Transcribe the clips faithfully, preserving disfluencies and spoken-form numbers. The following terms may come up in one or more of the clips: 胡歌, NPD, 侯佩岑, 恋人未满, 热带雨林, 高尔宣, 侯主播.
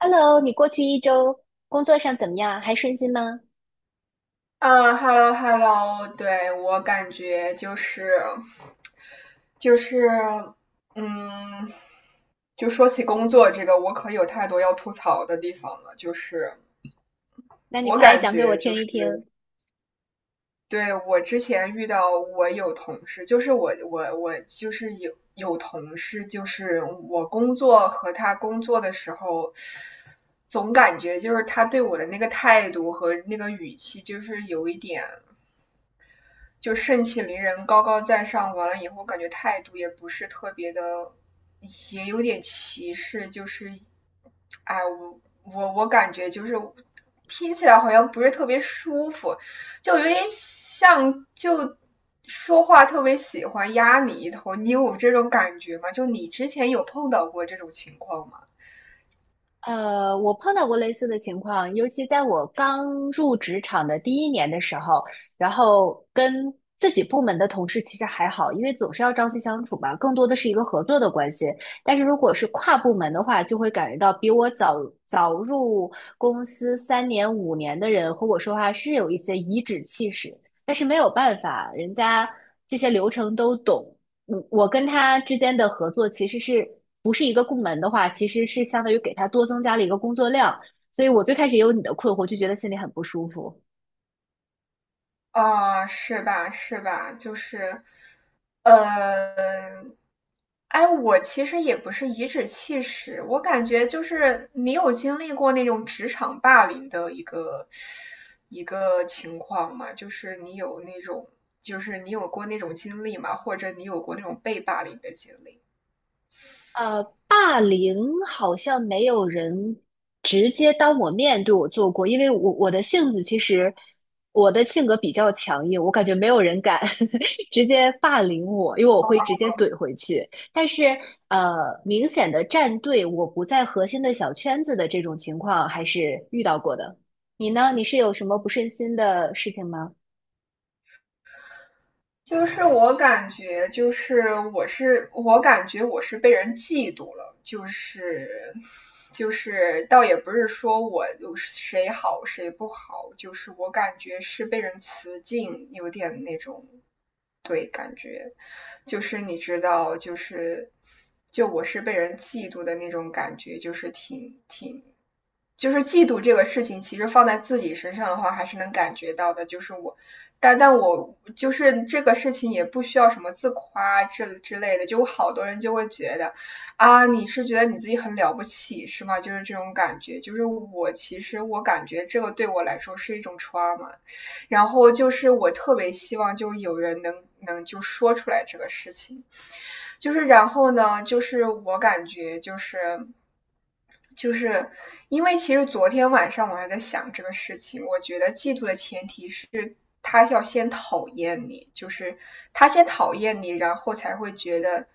Hello，你过去一周工作上怎么样？还顺心吗？啊，hello hello，对，我感觉就是，就是，嗯，就说起工作这个，我可有太多要吐槽的地方了。就是那你我快来感讲给我觉就听一是，听。对，我之前遇到我有同事，就是我我我就是有有同事，就是我工作和他工作的时候，总感觉就是他对我的那个态度和那个语气，就是有一点。就盛气凌人、高高在上，完了以后感觉态度也不是特别的，也有点歧视，就是，哎，我我我感觉就是听起来好像不是特别舒服，就有点像就说话特别喜欢压你一头，你有这种感觉吗？就你之前有碰到过这种情况吗？呃，我碰到过类似的情况，尤其在我刚入职场的第一年的时候，然后跟自己部门的同事其实还好，因为总是要朝夕相处嘛，更多的是一个合作的关系。但是如果是跨部门的话，就会感觉到比我早早入公司三年五年的人和我说话是有一些颐指气使，但是没有办法，人家这些流程都懂。嗯，我跟他之间的合作其实是不是一个部门的话，其实是相当于给他多增加了一个工作量，所以我最开始也有你的困惑，就觉得心里很不舒服。啊、呃是吧？是吧？就是，呃，哎，我其实也不是颐指气使，我感觉就是你有经历过那种职场霸凌的一个一个情况吗？就是你有那种，就是你有过那种经历吗？或者你有过那种被霸凌的经历吗？呃，霸凌好像没有人直接当我面对我做过，因为我我的性子其实我的性格比较强硬，我感觉没有人敢 直接霸凌我，因为我会直接怼回去。但是呃，明显的站队，我不在核心的小圈子的这种情况还是遇到过的。你呢？你是有什么不顺心的事情吗？就是我感觉，就是我是我感觉我是被人嫉妒了，就是就是倒也不是说我有谁好谁不好，就是我感觉是被人辞敬，有点那种，就是你知道，就是就我是被人嫉妒的那种感觉，就是挺挺就是嫉妒这个事情，其实放在自己身上的话，还是能感觉到的。就是我，但但我就是这个事情也不需要什么自夸之之类的。就好多人就会觉得，啊，你是觉得你自己很了不起是吗？就是这种感觉。就是我其实我感觉这个对我来说是一种 trauma，然后就是我特别希望就有人能能就说出来这个事情。就是然后呢，就是我感觉就是。就是因为其实昨天晚上我还在想这个事情，我觉得嫉妒的前提是他要先讨厌你，就是他先讨厌你，然后才会觉得，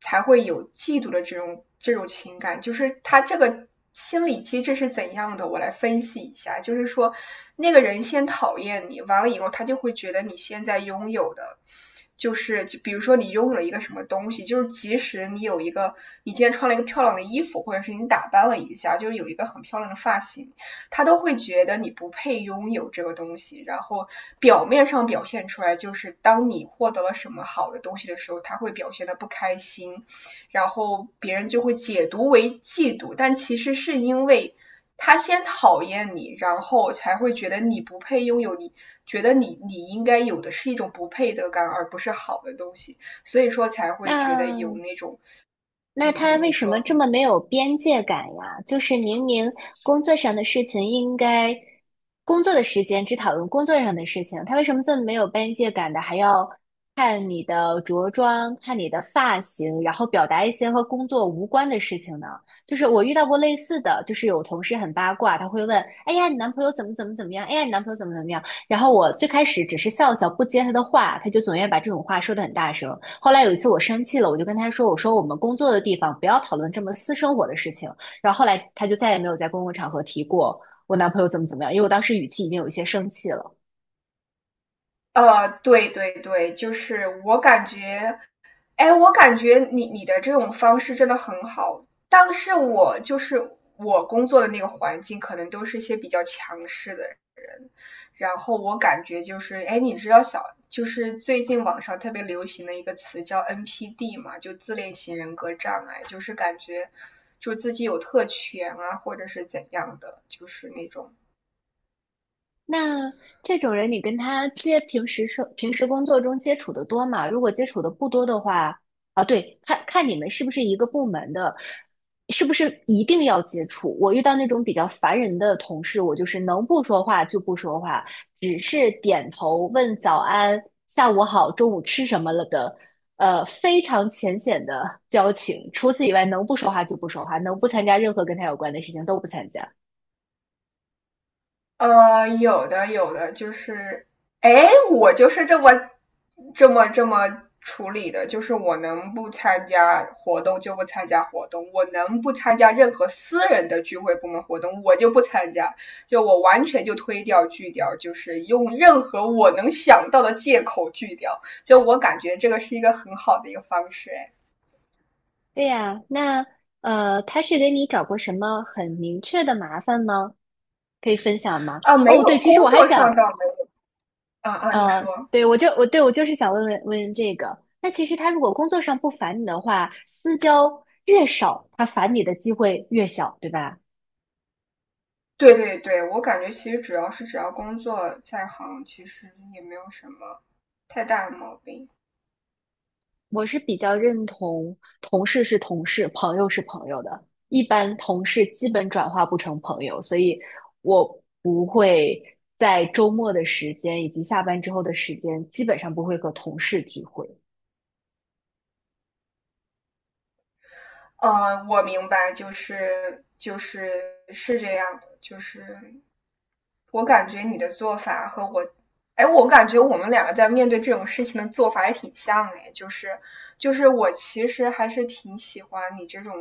才会有嫉妒的这种这种情感。就是他这个心理机制是怎样的？我来分析一下，就是说，那个人先讨厌你，完了以后，他就会觉得你现在拥有的。就是比如说你拥有了一个什么东西，就是即使你有一个，你今天穿了一个漂亮的衣服，或者是你打扮了一下，就是有一个很漂亮的发型，他都会觉得你不配拥有这个东西，然后表面上表现出来就是当你获得了什么好的东西的时候，他会表现的不开心，然后别人就会解读为嫉妒，但其实是因为他先讨厌你，然后才会觉得你不配拥有你，觉得你你应该有的是一种不配得感，而不是好的东西，所以说才会觉得有那那种，嗯那他嗯，为你什么说，这嗯。么没有边界感呀？就是明明工作上的事情应该工作的时间只讨论工作上的事情，他为什么这么没有边界感的，还要看你的着装、看你的发型，然后表达一些和工作无关的事情呢？就是我遇到过类似的，就是有同事很八卦，他会问：“哎呀，你男朋友怎么怎么怎么样？哎呀，你男朋友怎么怎么样？”然后我最开始只是笑笑，不接他的话，他就总愿意把这种话说得很大声。后来有一次我生气了，我就跟他说：“我说我们工作的地方不要讨论这么私生活的事情。”然后后来他就再也没有在公共场合提过我男朋友怎么怎么样，因为我当时语气已经有一些生气了。呃，对对对，就是我感觉哎，我感觉你你的这种方式真的很好，但是我就是我工作的那个环境，可能都是一些比较强势的然后我感觉就是，哎，你知道小就是最近网上特别流行的一个词叫 N P D 嘛，就自恋型人格障碍，就是感觉就自己有特权啊，或者是怎样的，就是那种那这种人，你跟他接平时生平时工作中接触的多吗？如果接触的不多的话，啊，对，看看你们是不是一个部门的，是不是一定要接触？我遇到那种比较烦人的同事，我就是能不说话就不说话，只是点头问早安、下午好、中午吃什么了的，呃，非常浅显的交情。除此以外，能不说话就不说话，能不参加任何跟他有关的事情都不参加。呃，有的有的，就是，哎，我就是这么这么这么处理的，就是我能不参加活动就不参加活动，我能不参加任何私人的聚会部门活动，我就不参加，就我完全就推掉拒掉，就是用任何我能想到的借口拒掉，就我感觉这个是一个很好的一个方式，哎，对呀，那呃，他是给你找过什么很明确的麻烦吗？可以分享吗？啊，没哦，有，对，其实工我还作想，上倒没有，啊啊，你呃，说。对，我就我对我就是想问问问这个。那其实他如果工作上不烦你的话，私交越少，他烦你的机会越小，对吧？对对对，我感觉其实主要是只要工作在行，其实也没有什么太大的毛病。我是比较认同同事是同事，朋友是朋友的。一般同事基本转化不成朋友，所以我不会在周末的时间以及下班之后的时间，基本上不会和同事聚会。嗯，我明白，就是就是是这样的，就是我感觉你的做法和我，哎，我感觉我们两个在面对这种事情的做法也挺像哎，就是就是我其实还是挺喜欢你这种，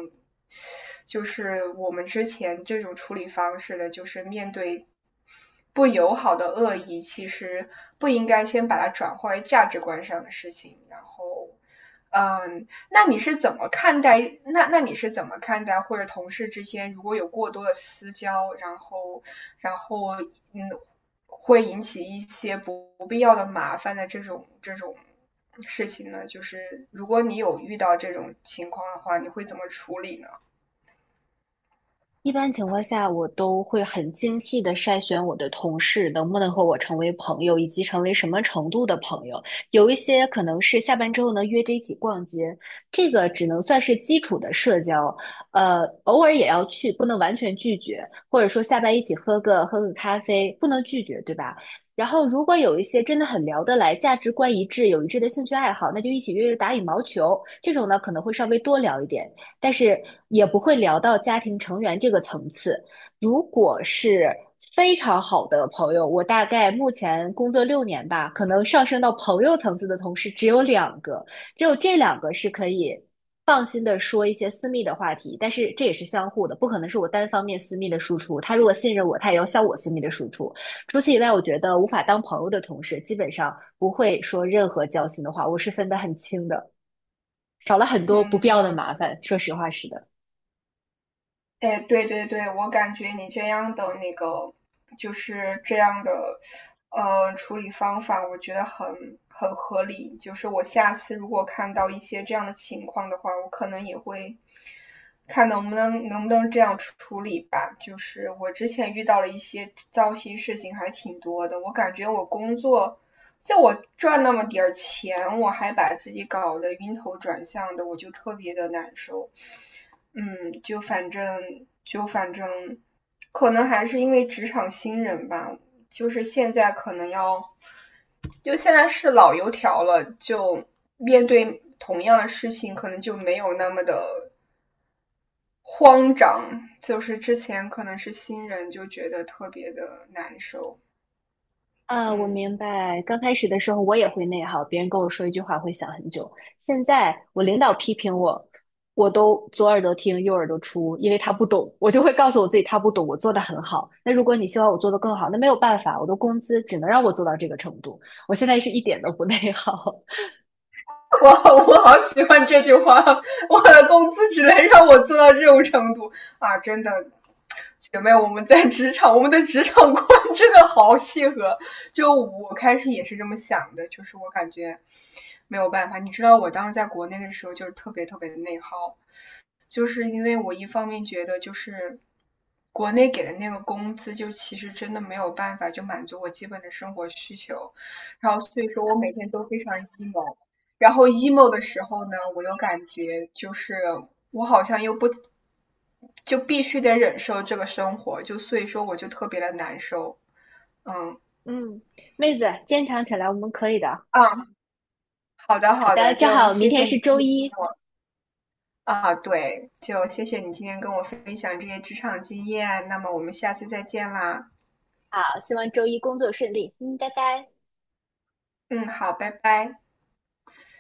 就是我们之前这种处理方式的，就是面对不友好的恶意，其实不应该先把它转化为价值观上的事情，然后。嗯，那你是怎么看待？那那你是怎么看待，或者同事之间如果有过多的私交，然后然后嗯，会引起一些不必要的麻烦的这种这种事情呢？就是如果你有遇到这种情况的话，你会怎么处理呢？一般情况下，我都会很精细的筛选我的同事能不能和我成为朋友，以及成为什么程度的朋友。有一些可能是下班之后呢约着一起逛街，这个只能算是基础的社交，呃，偶尔也要去，不能完全拒绝，或者说下班一起喝个喝个咖啡，不能拒绝，对吧？然后，如果有一些真的很聊得来、价值观一致、有一致的兴趣爱好，那就一起约着打羽毛球。这种呢，可能会稍微多聊一点。但是也不会聊到家庭成员这个层次。如果是非常好的朋友，我大概目前工作六年吧，可能上升到朋友层次的同事只有两个，只有这两个是可以放心的说一些私密的话题，但是这也是相互的，不可能是我单方面私密的输出。他如果信任我，他也要向我私密的输出。除此以外，我觉得无法当朋友的同事，基本上不会说任何交心的话，我是分得很清的，少了很多不必要的嗯，麻烦。说实话是的。哎，对对对，我感觉你这样的那个，就是这样的，呃，处理方法，我觉得很很合理。就是我下次如果看到一些这样的情况的话，我可能也会看能不能能不能这样处处理吧。就是我之前遇到了一些糟心事情，还挺多的。我感觉我工作像我赚那么点儿钱，我还把自己搞得晕头转向的，我就特别的难受。嗯，就反正就反正，可能还是因为职场新人吧，就是现在可能要，就现在是老油条了，就面对同样的事情，可能就没有那么的慌张。就是之前可能是新人，就觉得特别的难受。啊，我嗯。明白。刚开始的时候我也会内耗，别人跟我说一句话会想很久。现在我领导批评我，我都左耳朵听右耳朵出，因为他不懂，我就会告诉我自己他不懂，我做的很好。那如果你希望我做的更好，那没有办法，我的工资只能让我做到这个程度。我现在是一点都不内耗。我我好喜欢这句话，我的工资只能让我做到这种程度啊！真的，姐妹，我们在职场，我们的职场观真的好契合。就我开始也是这么想的，就是我感觉没有办法。你知道，我当时在国内的时候，就是特别特别的内耗，就是因为我一方面觉得就是国内给的那个工资，就其实真的没有办法就满足我基本的生活需求，然后所以说我每天都非常 emo，然后 emo 的时候呢，我又感觉就是我好像又不就必须得忍受这个生活，就所以说我就特别的难受，嗯。嗯，妹子，坚强起来，我们可以的。啊，好的好好的，的，正就好明谢天谢你是今周天跟一，啊，对，就谢谢你今天跟我分享这些职场经验，那么我们下次再见啦。好，希望周一工作顺利。嗯，拜拜。嗯，好，拜拜。